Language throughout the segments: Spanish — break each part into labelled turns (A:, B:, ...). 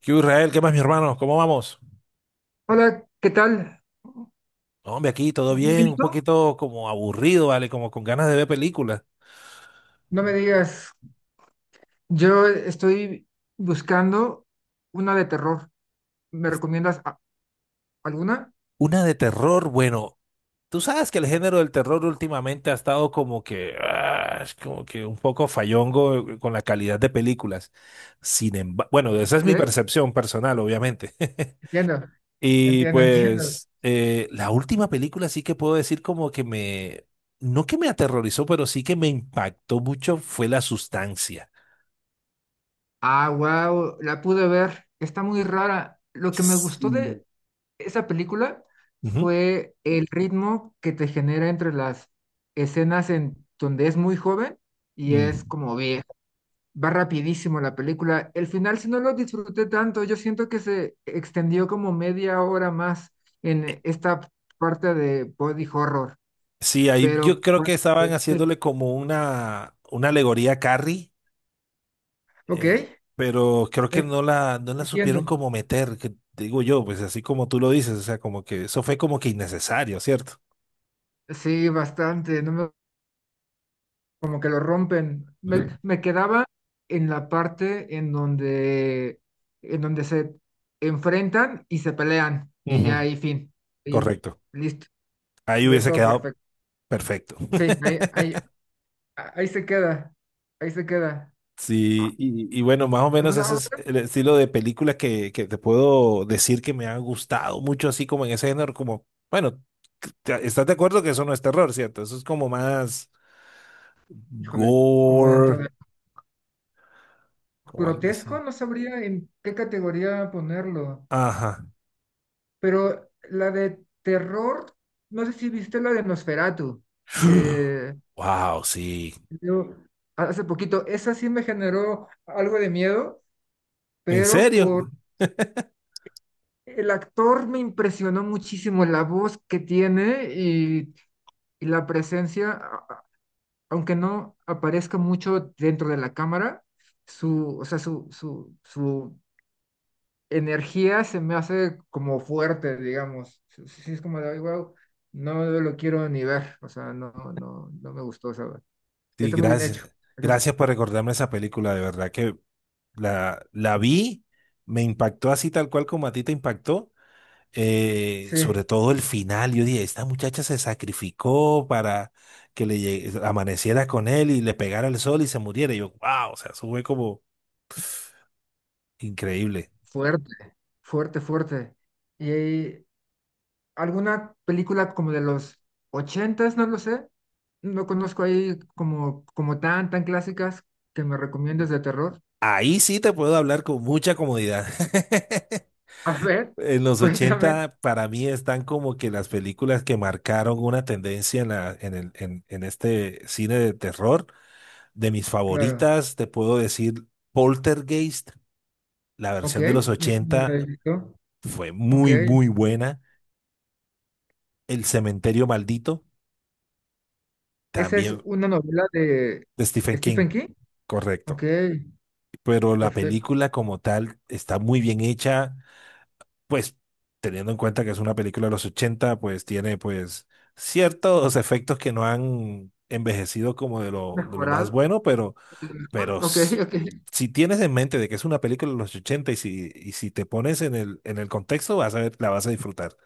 A: ¿Qué hubo, Israel? ¿Qué más, mi hermano? ¿Cómo vamos?
B: Hola, ¿qué tal?
A: No, hombre, aquí todo
B: Muy
A: bien,
B: bien, ¿y
A: un
B: tú?
A: poquito como aburrido, ¿vale? Como con ganas de ver películas.
B: No me digas, yo estoy buscando una de terror. ¿Me recomiendas alguna?
A: Una de terror, bueno, tú sabes que el género del terror últimamente ha estado como que, es como que un poco fallongo, con la calidad de películas. Sin embargo, bueno, esa es
B: Ok,
A: mi percepción personal, obviamente.
B: entiendo,
A: Y
B: entiendo.
A: pues la última película sí que puedo decir como que me, no que me aterrorizó, pero sí que me impactó mucho fue La Sustancia.
B: Ah, wow, la pude ver. Está muy rara. Lo que me gustó
A: Sí.
B: de esa película
A: Ujú.
B: fue el ritmo que te genera entre las escenas en donde es muy joven y es
A: Mm.
B: como viejo. Va rapidísimo la película. El final, si no lo disfruté tanto, yo siento que se extendió como media hora más
A: Eh,
B: en esta parte de body horror,
A: Sí, ahí yo
B: pero...
A: creo que estaban
B: eh,
A: haciéndole como una alegoría a Carrie,
B: Ok,
A: eh,
B: eh,
A: pero creo que no la supieron
B: entiendo.
A: como meter, que digo yo, pues así como tú lo dices, o sea, como que eso fue como que innecesario, ¿cierto?
B: Sí, bastante, no me- como que lo rompen. Me quedaba en la parte en donde se enfrentan y se pelean, y
A: Ujú.
B: ya ahí fin. Y
A: Correcto.
B: listo,
A: Ahí
B: hubiera
A: hubiese
B: estado
A: quedado
B: perfecto.
A: perfecto.
B: Sí, ahí, ahí, ahí se queda, ahí se queda. Ah,
A: Sí, y bueno, más o menos
B: ¿alguna
A: ese es
B: otra?
A: el estilo de película que te puedo decir que me ha gustado mucho, así como en ese género, como, bueno, estás de acuerdo que eso no es terror, ¿cierto? Eso es como más
B: Híjole, como dentro
A: gore,
B: de
A: como algo
B: grotesco,
A: así.
B: no sabría en qué categoría ponerlo,
A: Ajá.
B: pero la de terror, no sé si viste la de Nosferatu, que
A: Wow, sí.
B: yo hace poquito, esa sí me generó algo de miedo,
A: ¿En
B: pero
A: serio?
B: por el actor me impresionó muchísimo la voz que tiene y la presencia aunque no aparezca mucho dentro de la cámara, su, o sea, su energía se me hace como fuerte, digamos. Sí, sí, sí, es como de, wow, no lo quiero ni ver, o sea, no, no, no me gustó, o sea,
A: Sí,
B: está muy bien hecho.
A: gracias.
B: Eso es-
A: Gracias por recordarme esa película, de verdad que la vi, me impactó así tal cual como a ti te impactó. Sobre
B: sí,
A: todo el final, yo dije, esta muchacha se sacrificó para amaneciera con él y le pegara el sol y se muriera. Y yo, wow, o sea, eso fue como increíble.
B: fuerte, fuerte, fuerte. Y alguna película como de los ochentas, no lo sé, no conozco ahí como, como tan, tan clásicas que me recomiendes de terror.
A: Ahí sí te puedo hablar con mucha comodidad.
B: A ver,
A: En los
B: cuéntame.
A: 80 para mí están como que las películas que marcaron una tendencia en, la, en, el, en este cine de terror. De mis
B: Claro.
A: favoritas, te puedo decir Poltergeist, la
B: Ok,
A: versión de los
B: me suena
A: 80
B: haber visto.
A: fue
B: Ok.
A: muy, muy buena. El cementerio maldito,
B: Esa es
A: también
B: una novela de
A: de Stephen King,
B: Stephen King.
A: correcto.
B: Ok,
A: Pero la
B: perfecto.
A: película como tal está muy bien hecha, pues teniendo en cuenta que es una película de los 80, pues tiene pues ciertos efectos que no han envejecido como de lo más
B: Mejorado.
A: bueno, pero,
B: Mejor,
A: pero
B: Ok,
A: s- si tienes en mente de que es una película de los 80 y si te pones en el contexto, vas a ver, la vas a disfrutar.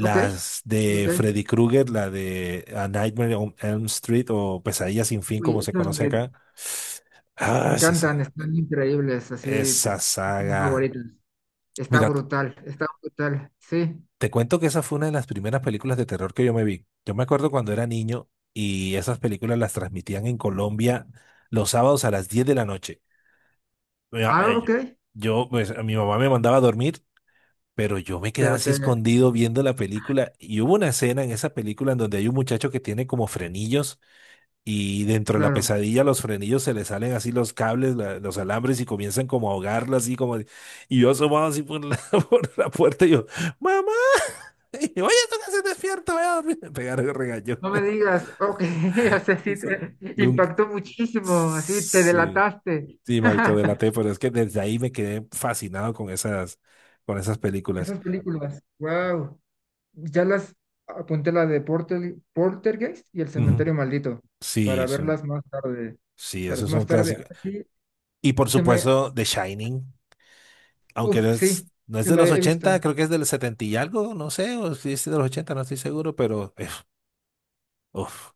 B: ok, ok.
A: de
B: Ok.
A: Freddy Krueger, la de A Nightmare on Elm Street o Pesadilla sin fin,
B: Uy,
A: como se
B: estas
A: conoce
B: me
A: acá. Ah, es esa,
B: encantan, están increíbles, así,
A: esa
B: son mis
A: saga.
B: favoritas. Está
A: Mira,
B: brutal, está brutal. Sí.
A: te cuento que esa fue una de las primeras películas de terror que yo me vi. Yo me acuerdo cuando era niño y esas películas las transmitían en Colombia los sábados a las 10 de la noche. Mira,
B: Ah,
A: eh, Yo,
B: ok,
A: yo, pues, mi mamá me mandaba a dormir, pero yo me quedaba
B: pero
A: así
B: te,
A: escondido viendo la película y hubo una escena en esa película en donde hay un muchacho que tiene como frenillos. Y dentro de la
B: claro.
A: pesadilla los frenillos se les salen así los cables, los alambres y comienzan como a ahogarla así como. Y yo asomado así por la, por la puerta y yo, ¡Mamá! Y yo, oye, tú que se despierta, voy a dormir. Me pegaron el regaño.
B: No me digas, ok, o sea, sí
A: Eso
B: te
A: nunca.
B: impactó muchísimo, así te
A: Sí,
B: delataste.
A: sí, me autodelaté, pero es que desde ahí me quedé fascinado con esas películas.
B: Esas películas, wow. Ya las apunté la de Porter, Poltergeist y El
A: Ujú.
B: Cementerio Maldito para
A: Sí,
B: verlas más tarde.
A: sí,
B: Para es
A: esos
B: más
A: son
B: tarde.
A: clásicos.
B: Así
A: Y por
B: que me.
A: supuesto, The Shining. Aunque
B: Uf,
A: no es,
B: sí,
A: no es
B: que
A: de
B: la
A: los
B: he visto.
A: 80, creo que es del 70 y algo, no sé, o si es de los 80 no estoy seguro, pero uf,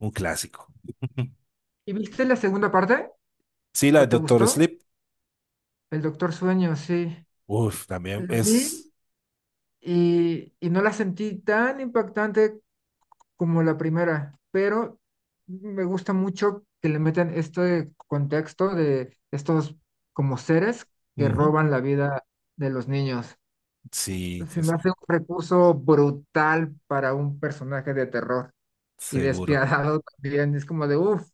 A: un clásico.
B: ¿Y viste la segunda parte?
A: Sí, la de
B: ¿O te
A: Doctor
B: gustó?
A: Sleep,
B: El Doctor Sueño, sí.
A: uf, también
B: La
A: es,
B: vi y no la sentí tan impactante como la primera, pero me gusta mucho que le metan este contexto de estos como seres que
A: ujú,
B: roban la vida de los niños.
A: sí, sí,
B: Se me
A: sí,
B: hace un recurso brutal para un personaje de terror y
A: seguro.
B: despiadado también. Es como de, uff,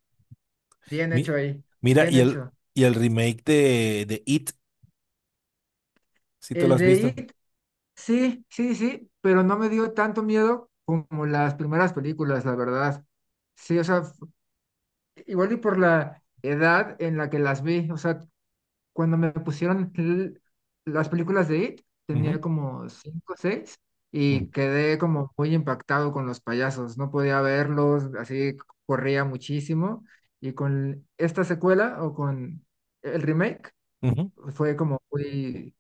B: bien
A: Mi-
B: hecho ahí,
A: Mira,
B: bien
A: y el,
B: hecho.
A: y el remake de It, si te lo
B: El
A: has
B: de
A: visto.
B: It, sí, sí, sí, pero no me dio tanto miedo como las primeras películas, la verdad. Sí, o sea, igual y por la edad en la que las vi, o sea, cuando me pusieron las películas de It,
A: Ujú,
B: tenía como cinco o seis
A: ujú,
B: y quedé como muy impactado con los payasos. No podía verlos, así corría muchísimo. Y con esta secuela o con el remake
A: ujú.
B: fue como muy,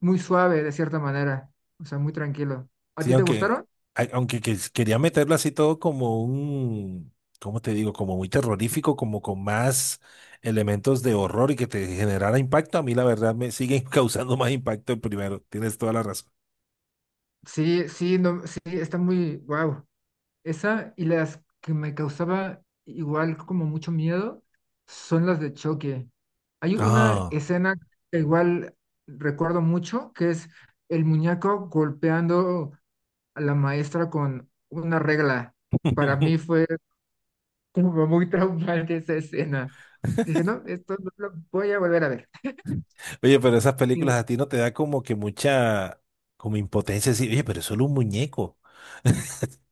B: muy suave de cierta manera, o sea, muy tranquilo. ¿A
A: Sí,
B: ti te
A: aunque,
B: gustaron?
A: ay, aunque que- quería meterlo así todo como un, ¿cómo te digo? Como muy terrorífico, como con más elementos de horror y que te generara impacto, a mí la verdad me siguen causando más impacto el primero. Tienes toda la razón.
B: Sí, sí, no, sí, está muy, wow. Esa y las que me causaba igual como mucho miedo son las de choque. Hay una
A: Ah.
B: escena que igual recuerdo mucho, que es el muñeco golpeando a la maestra con una regla. Para mí fue como muy traumante esa escena. Dije, no, esto no lo voy a volver a ver.
A: Oye, pero esas películas
B: Sí,
A: a ti no te da como que mucha, como impotencia, así, oye, pero es solo un muñeco.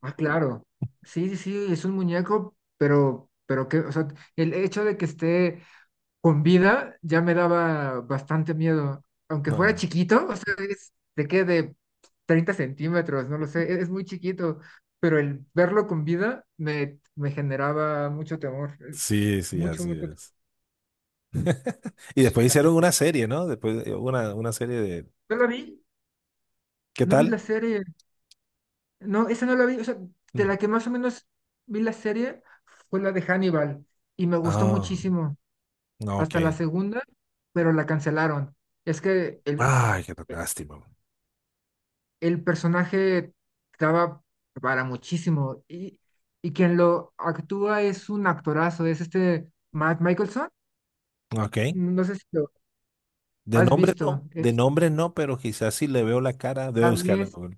B: ah, claro. Sí, sí, sí, es un muñeco, pero que, o sea, el hecho de que esté con vida ya me daba bastante miedo. Aunque fuera
A: No.
B: chiquito, o sea, es, de qué, de 30 centímetros, no lo sé, es muy chiquito, pero el verlo con vida me, me generaba mucho temor,
A: Sí, sí,
B: mucho,
A: así
B: mucho temor.
A: es. Y después hicieron una serie, ¿no? Después una serie de.
B: No la vi,
A: ¿Qué
B: no vi la
A: tal?
B: serie, no, esa no la vi, o sea,
A: Mm.
B: de la que más o menos vi la serie fue la de Hannibal y me gustó
A: Ah,
B: muchísimo,
A: no, ok.
B: hasta la segunda, pero la cancelaron. Es que
A: Ay, qué lástima.
B: el personaje estaba para muchísimo y quien lo actúa es un actorazo, es este Matt Michelson,
A: Ok.
B: no sé si lo has visto.
A: De
B: Es,
A: nombre no, pero quizás si le veo la cara, debe buscarla en
B: danés.
A: Google.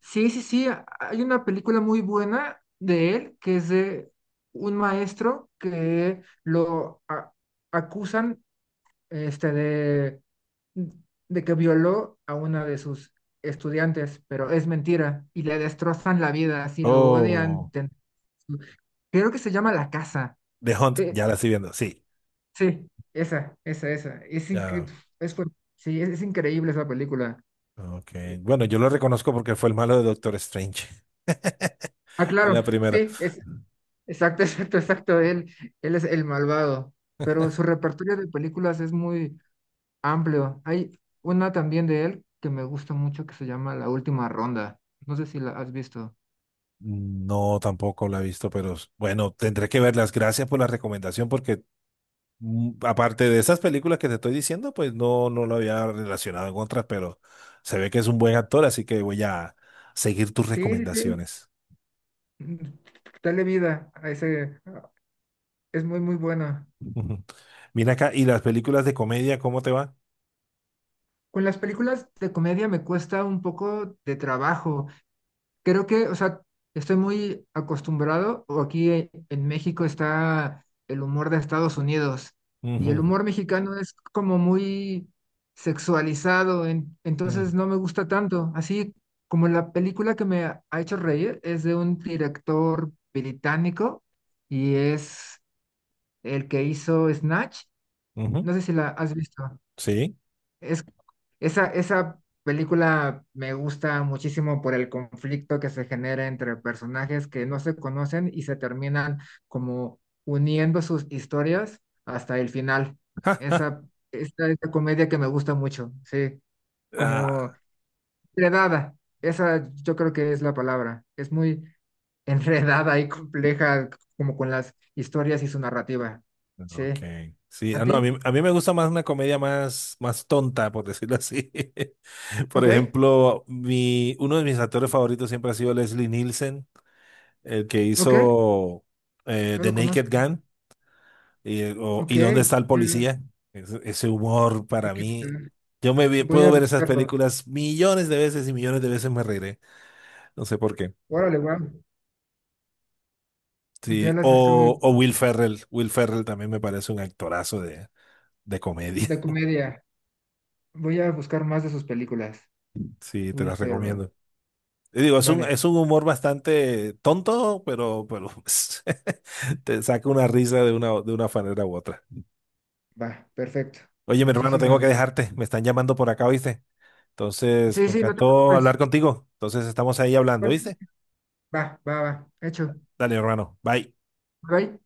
B: Sí, sí, sí, hay una película muy buena de él que es de un maestro que acusan este, de que violó a una de sus estudiantes, pero es mentira y le destrozan la vida, así lo odian.
A: Oh,
B: Creo que se llama La Casa.
A: The Hunt,
B: Eh,
A: ya la estoy viendo, sí.
B: sí, esa, esa, esa. Es,
A: Ya,
B: es, sí, es increíble esa película.
A: ok.
B: Eh,
A: Bueno, yo lo reconozco porque fue el malo de Doctor Strange.
B: ah,
A: Es
B: claro,
A: la primera.
B: sí, es, exacto, exacto, exacto. Él es el malvado, pero su repertorio de películas es muy amplio. Hay una también de él que me gusta mucho que se llama La Última Ronda. No sé si la has visto.
A: No, tampoco la he visto, pero bueno, tendré que verlas. Gracias por la recomendación porque aparte de esas películas que te estoy diciendo, pues no lo había relacionado en otras, pero se ve que es un buen actor, así que voy a seguir tus
B: Sí, sí, sí.
A: recomendaciones.
B: Mm, dale vida a ese. Es muy, muy buena.
A: Ujú. Mira acá, ¿y las películas de comedia, cómo te va?
B: Con las películas de comedia me cuesta un poco de trabajo. Creo que, o sea, estoy muy acostumbrado, o aquí en México está el humor de Estados Unidos, y el
A: Ujú,
B: humor mexicano es como muy sexualizado, entonces no me gusta tanto. Así como la película que me ha hecho reír es de un director británico y es el que hizo Snatch.
A: ujú, ujú.
B: No sé si la has visto.
A: Sí.
B: Es, esa película me gusta muchísimo por el conflicto que se genera entre personajes que no se conocen y se terminan como uniendo sus historias hasta el final.
A: Ja, ja.
B: Esa, esa comedia que me gusta mucho, sí, como
A: Ah,
B: enredada. Esa yo creo que es la palabra. Es muy enredada y compleja como con las historias y su narrativa.
A: ok.
B: Sí.
A: Sí,
B: ¿A
A: no, a
B: ti?
A: mí, a mí me gusta más una comedia más, más tonta, por decirlo así. Por
B: Ok,
A: ejemplo, uno de mis actores favoritos siempre ha sido Leslie Nielsen. El que
B: ok,
A: hizo
B: no
A: The
B: lo conozco.
A: Naked Gun y
B: Ok,
A: ¿Y dónde está el policía? Ese humor
B: ay,
A: para
B: ¿qué
A: mí.
B: tal?
A: Yo
B: Voy
A: puedo
B: a
A: ver esas
B: buscarlo.
A: películas millones de veces y millones de veces me reiré. No sé por qué.
B: Órale, guau. Ya
A: Sí,
B: las
A: o,
B: estoy
A: o Will Ferrell. Will Ferrell también me parece un actorazo de comedia.
B: de comedia. Voy a buscar más de sus películas.
A: Sí, te
B: Will
A: las
B: Ferrell.
A: recomiendo. Y digo, es un, es
B: Vale,
A: un humor bastante tonto, pero te saca una risa de una manera u otra.
B: va, perfecto.
A: Oye, mi hermano,
B: Muchísimas
A: tengo que
B: gracias.
A: dejarte. Me están llamando por acá, ¿viste? Entonces,
B: Sí,
A: me
B: sí, no te
A: encantó
B: preocupes.
A: hablar contigo. Entonces, estamos ahí hablando,
B: Vale,
A: ¿viste?
B: va, va, va. Hecho.
A: Dale, hermano. Bye.
B: Bye.